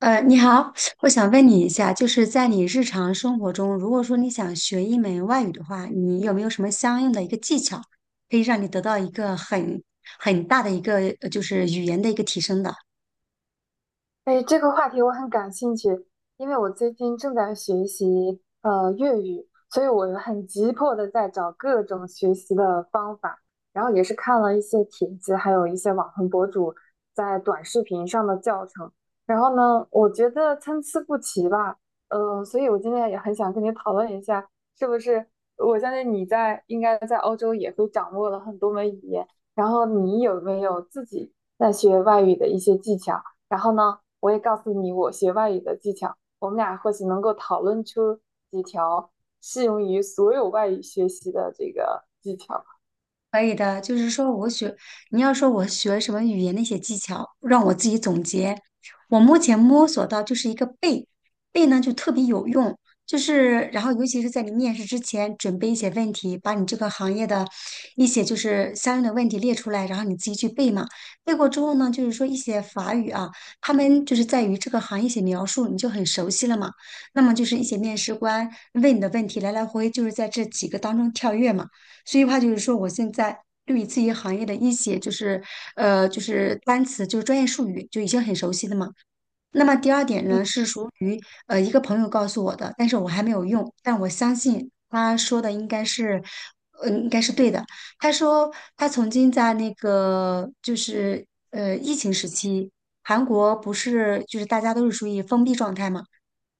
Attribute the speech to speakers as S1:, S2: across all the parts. S1: 你好，我想问你一下，就是在你日常生活中，如果说你想学一门外语的话，你有没有什么相应的一个技巧，可以让你得到一个很大的一个就是语言的一个提升的？
S2: 哎，这个话题我很感兴趣，因为我最近正在学习粤语，所以我很急迫的在找各种学习的方法，然后也是看了一些帖子，还有一些网红博主在短视频上的教程，然后呢，我觉得参差不齐吧。所以我今天也很想跟你讨论一下，是不是我相信你在应该在欧洲也会掌握了很多门语言，然后你有没有自己在学外语的一些技巧？然后呢，我也告诉你我学外语的技巧，我们俩或许能够讨论出几条适用于所有外语学习的这个技巧。
S1: 可以的，就是说我学，你要说我学什么语言的一些技巧，让我自己总结。我目前摸索到就是一个背，背呢就特别有用，就是然后尤其是在你面试之前准备一些问题，把你这个行业的一些就是相应的问题列出来，然后你自己去背嘛。背过之后呢，就是说一些法语啊，他们就是在于这个行业一些描述，你就很熟悉了嘛。那么就是一些面试官问你的问题，来来回回就是在这几个当中跳跃嘛。所以话就是说，我现在对于自己行业的一些就是就是单词就是专业术语就已经很熟悉了嘛。那么第二点
S2: 嗯
S1: 呢，是属于一个朋友告诉我的，但是我还没有用，但我相信他说的应该是，应该是对的。他说他曾经在那个就是疫情时期，韩国不是就是大家都是属于封闭状态嘛，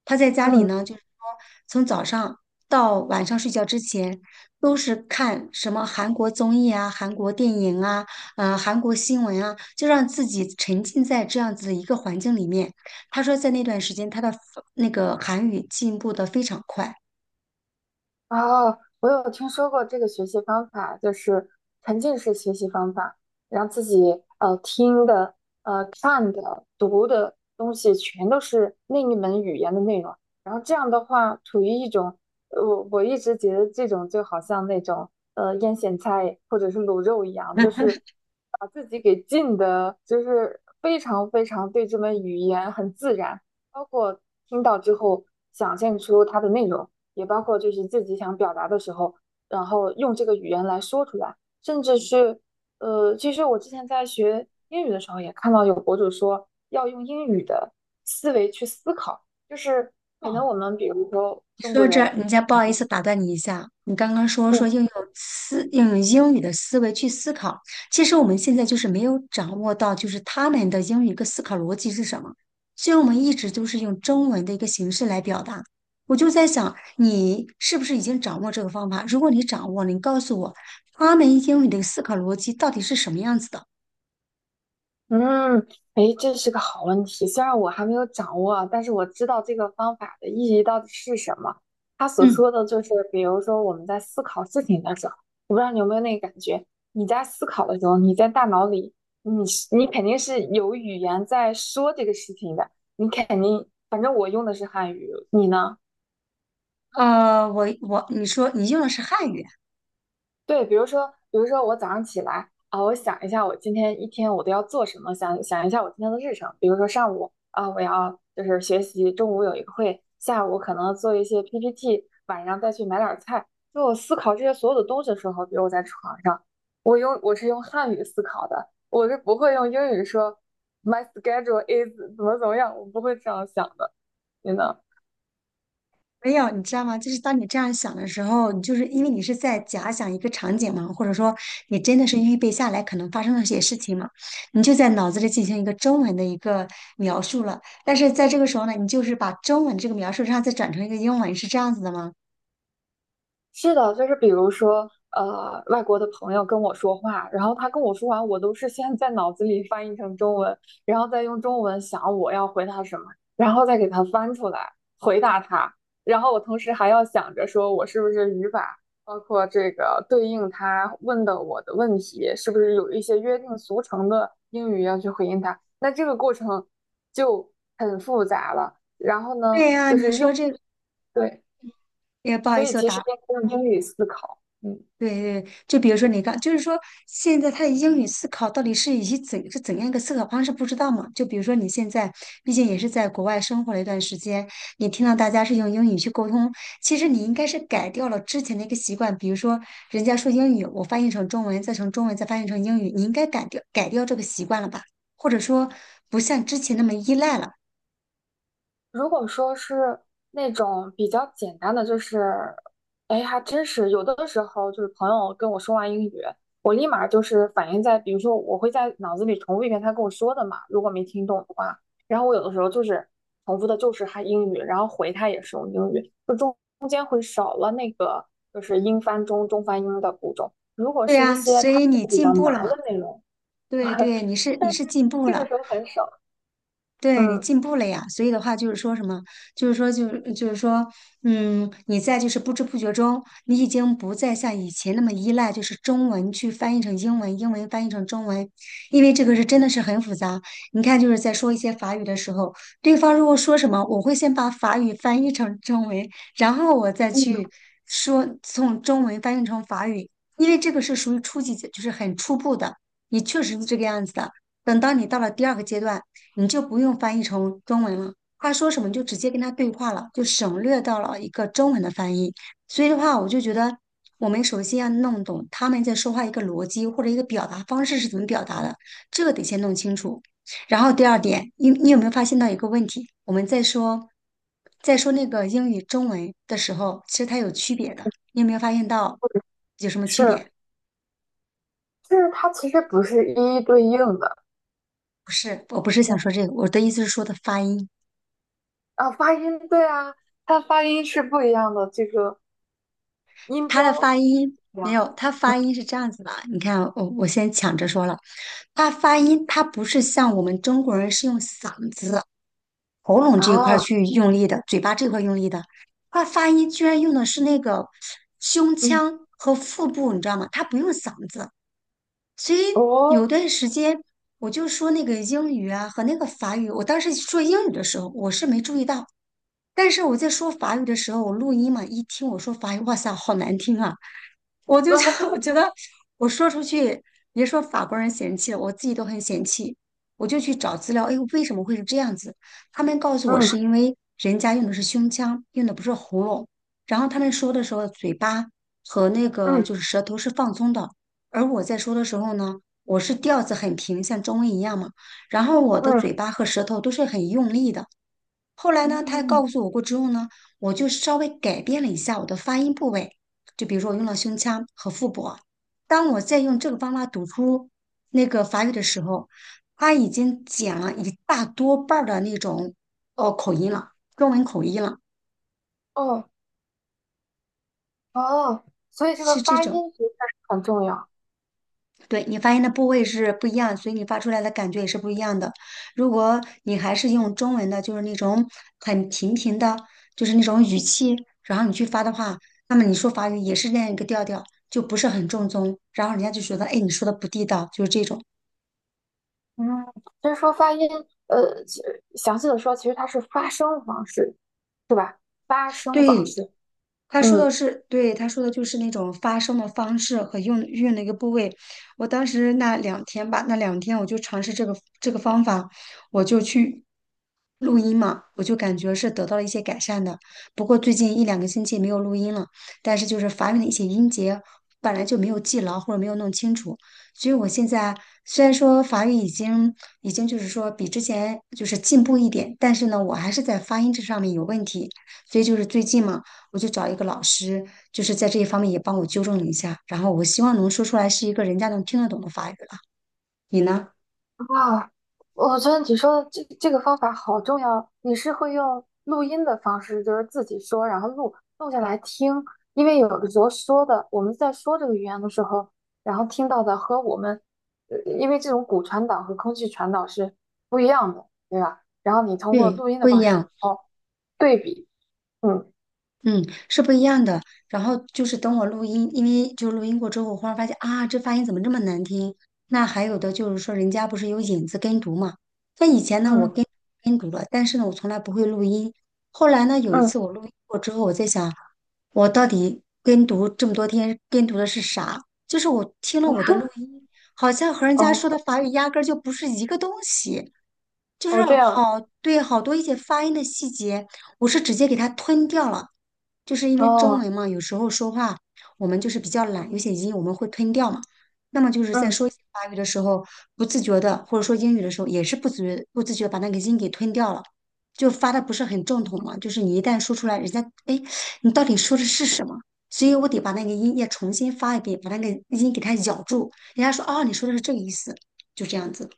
S1: 他在家里
S2: 嗯。
S1: 呢，就是说从早上到晚上睡觉之前，都是看什么韩国综艺啊、韩国电影啊、韩国新闻啊，就让自己沉浸在这样子的一个环境里面。他说在那段时间他的那个韩语进步的非常快。
S2: 哦，我有听说过这个学习方法，就是沉浸式学习方法，让自己听的、看的、读的东西全都是另一门语言的内容。然后这样的话，处于一种我一直觉得这种就好像那种腌咸菜或者是卤肉一样，就是把自己给浸的，就是非常非常对这门语言很自然，包括听到之后想象出它的内容。也包括就是自己想表达的时候，然后用这个语言来说出来，甚至是其实我之前在学英语的时候也看到有博主说要用英语的思维去思考，就是可能我们比如说
S1: 你
S2: 中
S1: 说到
S2: 国
S1: 这儿，
S2: 人。
S1: 人家不好意思打断你一下，你刚刚说说
S2: 嗯，
S1: 应用思应用英语的思维去思考，其实我们现在就是没有掌握到，就是他们的英语一个思考逻辑是什么，所以我们一直都是用中文的一个形式来表达。我就在想，你是不是已经掌握这个方法？如果你掌握了，你告诉我，他们英语的思考逻辑到底是什么样子的？
S2: 嗯，哎，这是个好问题。虽然我还没有掌握啊，但是我知道这个方法的意义到底是什么。他所
S1: 嗯，
S2: 说的就是，比如说我们在思考事情的时候，我不知道你有没有那个感觉，你在思考的时候，你在大脑里，你是你肯定是有语言在说这个事情的，你肯定，反正我用的是汉语，你呢？
S1: 呃，我你说你用的是汉语。
S2: 对，比如说我早上起来啊，我想一下我今天一天我都要做什么，想一下我今天的日程。比如说上午啊，我要就是学习，中午有一个会，下午可能做一些 PPT，晚上再去买点儿菜。就我思考这些所有的东西的时候，比如我在床上，我是用汉语思考的，我是不会用英语说 my schedule is 怎么怎么样，我不会这样想的。你呢？
S1: 没有，你知道吗？就是当你这样想的时候，你就是因为你是在假想一个场景嘛，或者说你真的是预备下来可能发生的一些事情嘛，你就在脑子里进行一个中文的一个描述了。但是在这个时候呢，你就是把中文这个描述，上再转成一个英文，是这样子的吗？
S2: 是的，就是比如说，外国的朋友跟我说话，然后他跟我说完，我都是先在脑子里翻译成中文，然后再用中文想我要回答什么，然后再给他翻出来回答他，然后我同时还要想着说我是不是语法，包括这个对应他问的我的问题，是不是有一些约定俗成的英语要去回应他，那这个过程就很复杂了。然后呢，
S1: 对呀、
S2: 就
S1: 你
S2: 是
S1: 说
S2: 用，
S1: 这
S2: 对，
S1: 也不好
S2: 所
S1: 意
S2: 以
S1: 思，我
S2: 其实
S1: 打
S2: 应该用英语思考。嗯。
S1: 对对，就比如说你刚，就是说现在他的英语思考到底是以及怎是怎样一个思考方式，不知道嘛？就比如说你现在，毕竟也是在国外生活了一段时间，你听到大家是用英语去沟通，其实你应该是改掉了之前的一个习惯，比如说人家说英语，我翻译成中文，再从中文再翻译成英语，你应该改掉这个习惯了吧？或者说不像之前那么依赖了。
S2: 如果说是那种比较简单的，就是，哎，还真是有的时候就是朋友跟我说完英语，我立马就是反应在，比如说我会在脑子里重复一遍他跟我说的嘛，如果没听懂的话，然后我有的时候就是重复的就是他英语，然后回他也是用英语，中间会少了那个就是英翻中、中翻英的步骤。如果
S1: 对
S2: 是一
S1: 啊，
S2: 些
S1: 所
S2: 他
S1: 以你
S2: 比
S1: 进
S2: 较
S1: 步了
S2: 难
S1: 嘛？
S2: 的内容，
S1: 对 对，你是你
S2: 但
S1: 是
S2: 是
S1: 进步
S2: 这个
S1: 了。
S2: 时候很少。
S1: 对你
S2: 嗯，
S1: 进步了呀，所以的话就是说什么，就是说就就是说，嗯，你在就是不知不觉中，你已经不再像以前那么依赖，就是中文去翻译成英文，英文翻译成中文，因为这个是真的是很复杂。你看，就是在说一些法语的时候，对方如果说什么，我会先把法语翻译成中文，然后我再
S2: 嗯，
S1: 去说从中文翻译成法语，因为这个是属于初级阶，就是很初步的，你确实是这个样子的。等到你到了第二个阶段。你就不用翻译成中文了。他说什么你就直接跟他对话了，就省略到了一个中文的翻译。所以的话，我就觉得我们首先要弄懂他们在说话一个逻辑或者一个表达方式是怎么表达的，这个得先弄清楚。然后第二点，你有没有发现到一个问题？我们在说那个英语中文的时候，其实它有区别的。你有没有发现到有什么区
S2: 是。
S1: 别？
S2: 就是它其实不是一一对应的。
S1: 不是，我不是想
S2: 嗯，
S1: 说这个，我的意思是说的发音。
S2: 啊，发音对啊，它发音是不一样的，这个音
S1: 他的
S2: 标
S1: 发音没
S2: 呀。
S1: 有，他
S2: 嗯，
S1: 发音是这样子的。你看，我先抢着说了，他发音他不是像我们中国人是用嗓子、喉咙这一块
S2: 啊，
S1: 儿
S2: 啊，
S1: 去用力的，嘴巴这块儿用力的，他发音居然用的是那个胸
S2: 嗯，
S1: 腔和腹部，你知道吗？他不用嗓子，所以有
S2: 哦。
S1: 段时间我就说那个英语啊和那个法语，我当时说英语的时候我是没注意到。但是我在说法语的时候，我录音嘛，一听我说法语，哇塞，好难听啊！我就觉得 我 觉得我说出去，别说法国人嫌弃了，我自己都很嫌弃。我就去找资料，哎，为什么会是这样子？他们告诉我
S2: 嗯，
S1: 是因为人家用的是胸腔，用的不是喉咙。然后他们说的时候，嘴巴和那个
S2: 嗯，
S1: 就是舌头是放松的，而我在说的时候呢，我是调子很平，像中文一样嘛。然后我的嘴
S2: 嗯，
S1: 巴和舌头都是很用力的，后来呢，他
S2: 嗯，
S1: 告诉我过之后呢，我就稍微改变了一下我的发音部位，就比如说我用了胸腔和腹部。当我在用这个方法读出那个法语的时候，他已经减了一大多半儿的那种哦口音了，中文口音了，
S2: 哦，哦，所以这个
S1: 是这
S2: 发
S1: 种。
S2: 音其实很重要。
S1: 对你发音的部位是不一样，所以你发出来的感觉也是不一样的。如果你还是用中文的，就是那种很平平的，就是那种语气，然后你去发的话，那么你说法语也是那样一个调调，就不是很正宗，然后人家就觉得，哎，你说的不地道，就是这种。
S2: 嗯，就是说发音，其实详细的说，其实它是发声方式，是吧？发声方
S1: 对，
S2: 式。
S1: 他说的
S2: 嗯。
S1: 是，对，他说的就是那种发声的方式和用运用的一个部位。我当时那两天吧，那两天我就尝试这个方法，我就去录音嘛，我就感觉是得到了一些改善的。不过最近一两个星期没有录音了，但是就是法语的一些音节本来就没有记牢或者没有弄清楚，所以我现在虽然说法语已经就是说比之前就是进步一点，但是呢，我还是在发音这上面有问题。所以就是最近嘛，我就找一个老师，就是在这一方面也帮我纠正了一下，然后我希望能说出来是一个人家能听得懂的法语了。你呢？
S2: 哇，我觉得你说的这个方法好重要。你是会用录音的方式，就是自己说，然后录下来听，因为有的时候说的，我们在说这个语言的时候，然后听到的和我们，因为这种骨传导和空气传导是不一样的，对吧？然后你通过
S1: 对，
S2: 录音的
S1: 不一
S2: 方式。
S1: 样，
S2: 哦，对比。嗯
S1: 嗯，是不一样的。然后就是等我录音，因为就录音过之后，我忽然发现啊，这发音怎么这么难听？那还有的就是说，人家不是有引子跟读嘛？那以前呢，我
S2: 嗯
S1: 跟跟读了，但是呢，我从来不会录音。后来呢，有一
S2: 嗯。
S1: 次我录音过之后，我在想，我到底跟读这么多天跟读的是啥？就是我听了我的录音，好像和人家说的
S2: 哦，
S1: 法语压根儿就不是一个东西。就是
S2: 哦这样。
S1: 好，对，好多一些发音的细节，我是直接给它吞掉了，就是因为中
S2: 哦
S1: 文嘛，有时候说话我们就是比较懒，有些音我们会吞掉嘛。那么就是在
S2: 嗯。
S1: 说一些法语的时候，不自觉的，或者说英语的时候，也是不自觉把那个音给吞掉了，就发的不是很正统嘛。就是你一旦说出来，人家哎，你到底说的是什么？所以我得把那个音也重新发一遍，把那个音给它咬住，人家说哦，你说的是这个意思，就这样子。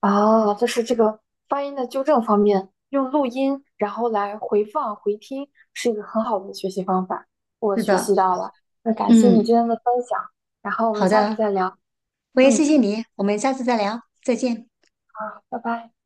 S2: 啊，就是这个发音的纠正方面，用录音然后来回放回听，是一个很好的学习方法。我
S1: 是
S2: 学
S1: 的，
S2: 习到了。那感谢你
S1: 嗯。
S2: 今天的分享，然后我们
S1: 好
S2: 下次
S1: 的，
S2: 再聊。
S1: 我也
S2: 嗯，
S1: 谢谢你，我们下次再聊，再见。
S2: 好拜拜。